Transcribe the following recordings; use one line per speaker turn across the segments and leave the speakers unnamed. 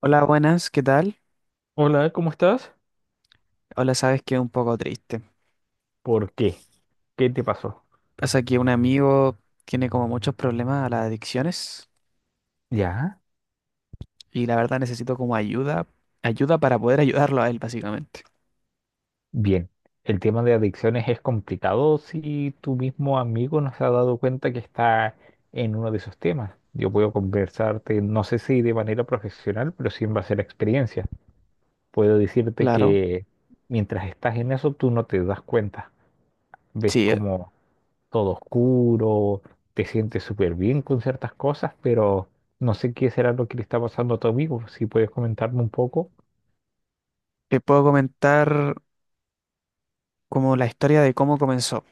Hola, buenas, ¿qué tal?
Hola, ¿cómo estás?
Hola, sabes que un poco triste.
¿Por qué? ¿Qué te pasó?
Pasa que un amigo tiene como muchos problemas a las adicciones
Ya,
y la verdad necesito como ayuda, ayuda para poder ayudarlo a él, básicamente.
bien. El tema de adicciones es complicado si tu mismo amigo no se ha dado cuenta que está en uno de esos temas. Yo puedo conversarte, no sé si de manera profesional, pero sí en base a la experiencia. Puedo decirte
Claro,
que mientras estás en eso, tú no te das cuenta. Ves
sí,
como todo oscuro, te sientes súper bien con ciertas cosas, pero no sé qué será lo que le está pasando a tu amigo. Si puedes comentarme un poco,
te puedo comentar como la historia de cómo comenzó.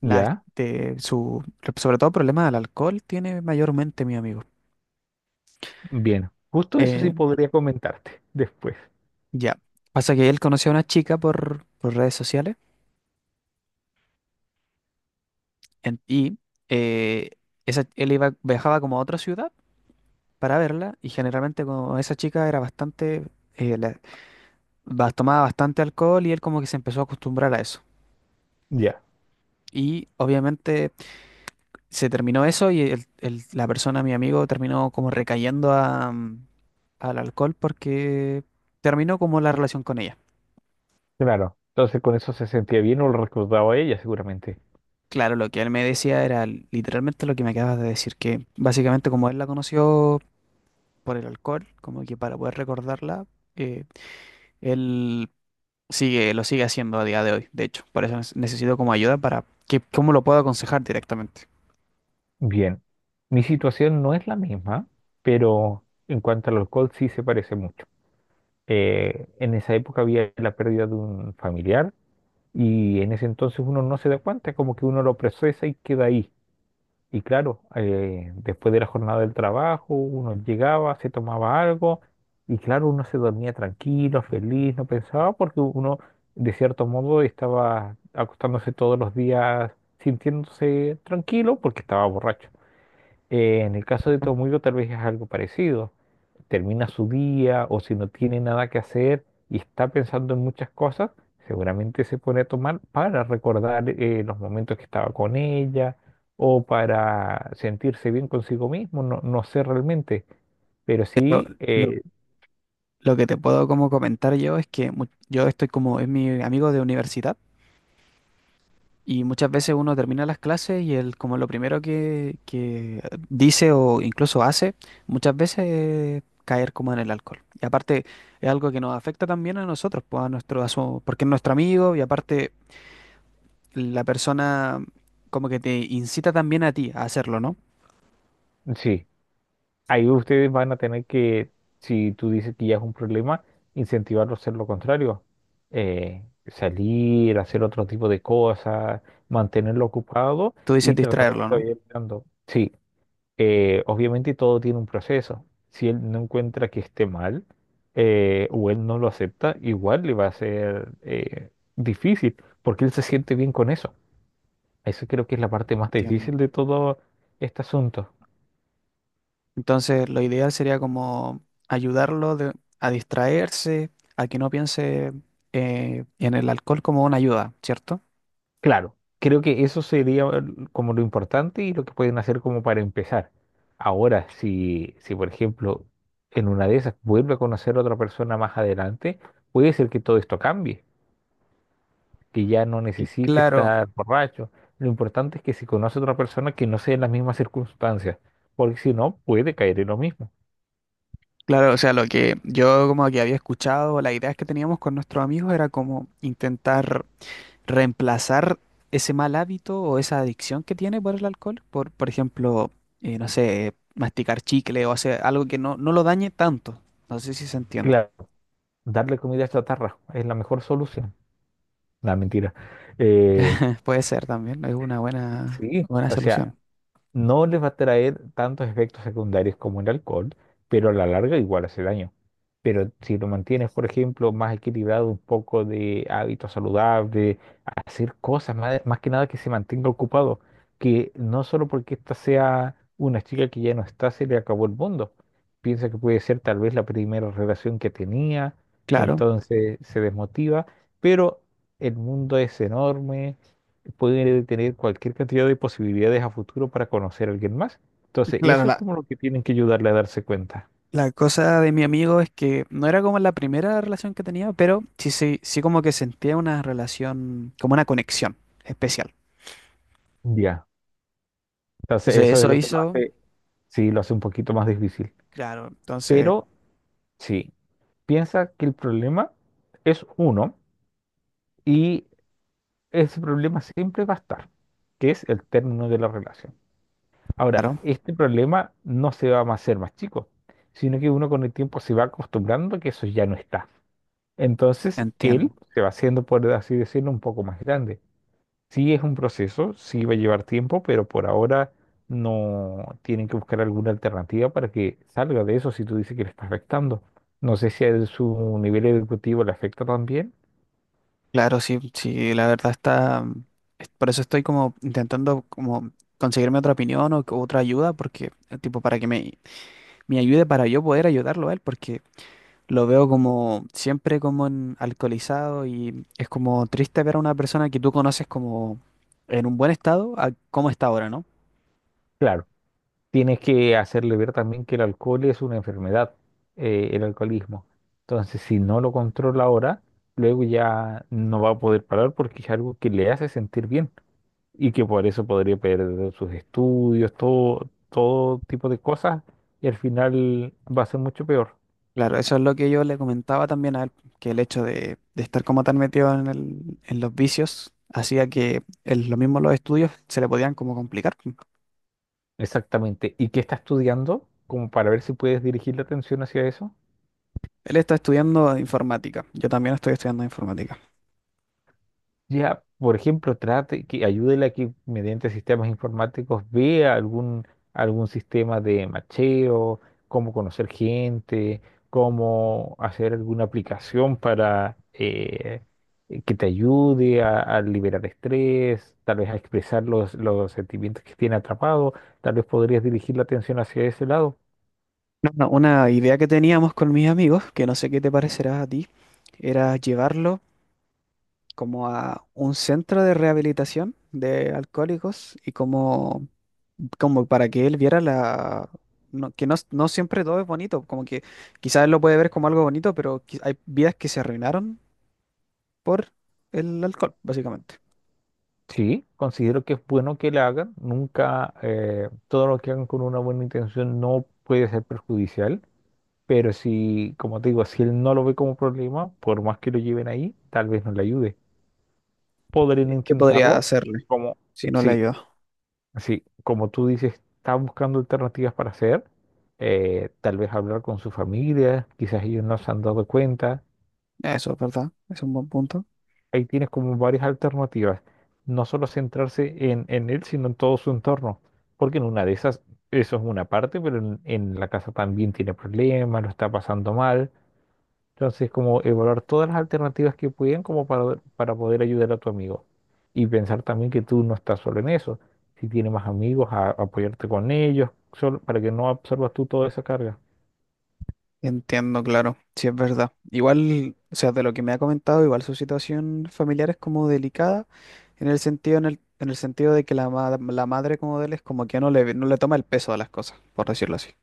La,
¿ya?
de su, Sobre todo problemas al alcohol tiene mayormente mi amigo.
Bien, justo eso sí
Eh,
podría comentarte después.
ya, pasa que él conoció a una chica por redes sociales en- y eh, él viajaba como a otra ciudad para verla y generalmente como esa chica era bastante, eh, la- tomaba bastante alcohol y él como que se empezó a acostumbrar a eso.
Ya,
Y obviamente se terminó eso y la persona, mi amigo, terminó como recayendo a, al alcohol porque terminó como la relación con ella.
claro. Entonces con eso se sentía bien o lo recordaba ella seguramente.
Claro, lo que él me decía era literalmente lo que me acabas de decir, que básicamente como él la conoció por el alcohol, como que para poder recordarla, eh, él lo sigue haciendo a día de hoy, de hecho. Por eso necesito como ayuda para que, cómo lo puedo aconsejar directamente.
Bien, mi situación no es la misma, pero en cuanto al alcohol sí se parece mucho. En esa época había la pérdida de un familiar y en ese entonces uno no se da cuenta, como que uno lo procesa y queda ahí. Y claro, después de la jornada del trabajo, uno llegaba, se tomaba algo, y claro, uno se dormía tranquilo, feliz, no pensaba, porque uno, de cierto modo, estaba acostándose todos los días sintiéndose tranquilo porque estaba borracho. En el caso de tu amigo, tal vez es algo parecido, termina su día o si no tiene nada que hacer y está pensando en muchas cosas, seguramente se pone a tomar para recordar los momentos que estaba con ella o para sentirse bien consigo mismo, no, no sé realmente, pero
Lo,
sí,
lo- lo que te puedo como comentar yo es que yo estoy como, es mi amigo de universidad y muchas veces uno termina las clases y él como lo primero que dice o incluso hace, muchas veces es caer como en el alcohol. Y aparte es algo que nos afecta también a nosotros, pues a porque es nuestro amigo y aparte la persona como que te incita también a ti a hacerlo, ¿no?
sí, ahí ustedes van a tener que, si tú dices que ya es un problema, incentivarlo a hacer lo contrario. Salir, hacer otro tipo de cosas, mantenerlo ocupado
Tú dices
y tratar de
distraerlo,
estar
¿no?
bien mirando. Sí, obviamente todo tiene un proceso. Si él no encuentra que esté mal, o él no lo acepta, igual le va a ser difícil porque él se siente bien con eso. Eso creo que es la parte más
Entiendo.
difícil de todo este asunto.
Entonces, lo ideal sería como ayudarlo de- a distraerse, a que no piense en el alcohol como una ayuda, ¿cierto?
Claro, creo que como lo importante y lo que pueden hacer como para empezar. Ahora, si por ejemplo en una de esas vuelve a conocer a otra persona más adelante, puede ser que todo esto cambie, que ya no
Y
necesite
claro,
estar borracho. Lo importante es que si conoce a otra persona que no sea en las mismas circunstancias, porque si no, puede caer en lo mismo.
claro, o sea, lo que yo como que había escuchado, las ideas que teníamos con nuestros amigos era como intentar reemplazar ese mal hábito o esa adicción que tiene por el alcohol, por ejemplo, no sé, masticar chicle o hacer algo que no lo dañe tanto. No sé si se entiende.
Claro, darle comida a chatarra es la mejor solución. La mentira. Eh,
Puede ser también, es una
sí,
buena
o sea,
solución.
no les va a traer tantos efectos secundarios como el alcohol, pero a la larga igual hace daño. Pero si lo mantienes, por ejemplo, más equilibrado, un poco de hábitos saludables, hacer cosas, más que nada que se mantenga ocupado, que no solo porque esta sea una chica que ya no está, se le acabó el mundo. Piensa que puede ser tal vez la primera relación que tenía,
Claro.
entonces se desmotiva, pero el mundo es enorme. Pueden tener cualquier cantidad de posibilidades a futuro para conocer a alguien más. Entonces,
Claro,
eso es como lo que tienen que ayudarle a darse cuenta.
la cosa de mi amigo es que no era como la primera relación que tenía, pero sí como que sentía una relación, como una conexión especial.
Ya. Entonces,
Entonces
eso es
eso
lo que lo
hizo,
hace, sí, lo hace un poquito más difícil.
claro, entonces,
Pero sí, piensa que el problema es uno y ese problema siempre va a estar, que es el término de la relación. Ahora,
claro,
este problema no se va a hacer más chico, sino que uno con el tiempo se va acostumbrando a que eso ya no está. Entonces él
entiendo.
se va haciendo, por así decirlo, un poco más grande. Sí es un proceso, sí va a llevar tiempo, pero por ahora no tienen que buscar alguna alternativa para que salga de eso si tú dices que le está afectando. No sé si a su nivel educativo le afecta también.
Claro, sí, la verdad está, por eso estoy como intentando como conseguirme otra opinión o otra ayuda, porque, tipo, para que me ayude para yo poder ayudarlo a él, porque… Lo veo como siempre como en alcoholizado y es como triste ver a una persona que tú conoces como en un buen estado a cómo está ahora, ¿no?
Claro, tienes que hacerle ver también que el alcohol es una enfermedad, el alcoholismo. Entonces, si no lo controla ahora, luego ya no va a poder parar porque es algo que le hace sentir bien, y que por eso podría perder sus estudios, todo tipo de cosas, y al final va a ser mucho peor.
Claro, eso es lo que yo le comentaba también a él, que el hecho de estar como tan metido en en los vicios hacía que lo mismo los estudios se le podían como complicar.
Exactamente. ¿Y qué está estudiando? Como para ver si puedes dirigir la atención hacia eso.
Él está estudiando informática, yo también estoy estudiando informática.
Ya, por ejemplo, trate que ayúdele a que mediante sistemas informáticos vea algún sistema de macheo, cómo conocer gente, cómo hacer alguna aplicación para que te ayude a liberar estrés, tal vez a expresar los sentimientos que tiene atrapado, tal vez podrías dirigir la atención hacia ese lado.
No, no, Una idea que teníamos con mis amigos, que no sé qué te parecerá a ti, era llevarlo como a un centro de rehabilitación de alcohólicos como para que él viera la… Que no siempre todo es bonito, como que quizás él lo puede ver como algo bonito, pero hay vidas que se arruinaron por el alcohol, básicamente.
Sí, considero que es bueno que la hagan, nunca todo lo que hagan con una buena intención no puede ser perjudicial. Pero si, como te digo, si él no lo ve como problema, por más que lo lleven ahí, tal vez no le ayude. Podrían
¿Qué podría
intentarlo,
hacerle
como,
si no le
sí,
ayuda?
sí, como tú dices, está buscando alternativas para hacer, tal vez hablar con su familia, quizás ellos no se han dado cuenta.
Eso, es ¿verdad? Es un buen punto.
Ahí tienes como varias alternativas, no solo centrarse en él, sino en todo su entorno, porque en una de esas, eso es una parte, pero en la casa también tiene problemas, lo está pasando mal. Entonces, como evaluar todas las alternativas que pueden como para poder ayudar a tu amigo. Y pensar también que tú no estás solo en eso. Si tienes más amigos, apoyarte con ellos, solo, para que no absorbas tú toda esa carga.
Entiendo, claro, sí es verdad. Igual, o sea, de lo que me ha comentado, igual su situación familiar es como delicada, en el sentido de que la madre como de él es como que no no le toma el peso a las cosas, por decirlo así.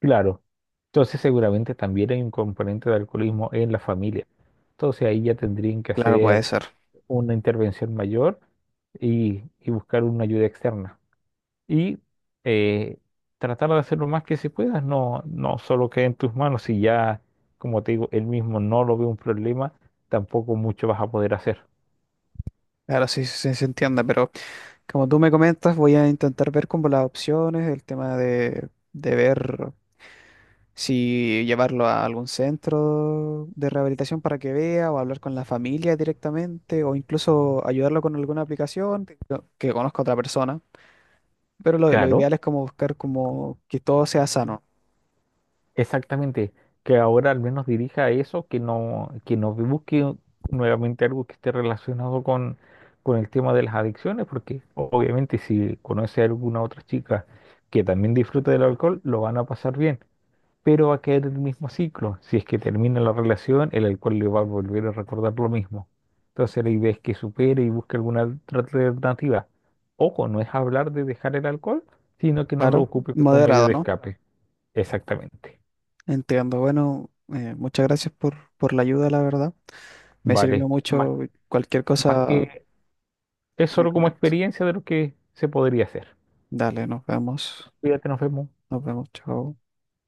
Claro. Entonces, seguramente también hay un componente de alcoholismo en la familia. Entonces, ahí ya tendrían que
Claro, puede
hacer
ser.
una intervención mayor y buscar una ayuda externa. y eh, Tratar de hacer lo más que se pueda, no, no solo quede en tus manos, si ya, como te digo, él mismo no lo ve un problema, tampoco mucho vas a poder hacer.
Claro, sí, sí se entiende, pero como tú me comentas, voy a intentar ver como las opciones, el tema de ver. Si llevarlo a algún centro de rehabilitación para que vea, o hablar con la familia directamente, o incluso ayudarlo con alguna aplicación que conozca a otra persona. Pero lo
Claro,
ideal es como buscar como que todo sea sano,
exactamente, que ahora al menos dirija a eso, que no busque nuevamente algo que esté relacionado con el tema de las adicciones, porque obviamente si conoce a alguna otra chica que también disfruta del alcohol, lo van a pasar bien pero va a caer en el mismo ciclo. Si es que termina la relación, el alcohol le va a volver a recordar lo mismo. Entonces la idea es que supere y busque alguna otra alternativa. Ojo, no es hablar de dejar el alcohol, sino que no lo
claro,
ocupe como un medio
moderado,
de
¿no?
escape. Exactamente.
Entiendo. Bueno, muchas gracias por la ayuda, la verdad. Me sirvió
Vale.
mucho. Cualquier
Más
cosa
que es
le
solo como
comento.
experiencia de lo que se podría hacer.
Dale, nos vemos.
Cuídate, nos vemos.
Nos vemos, chao.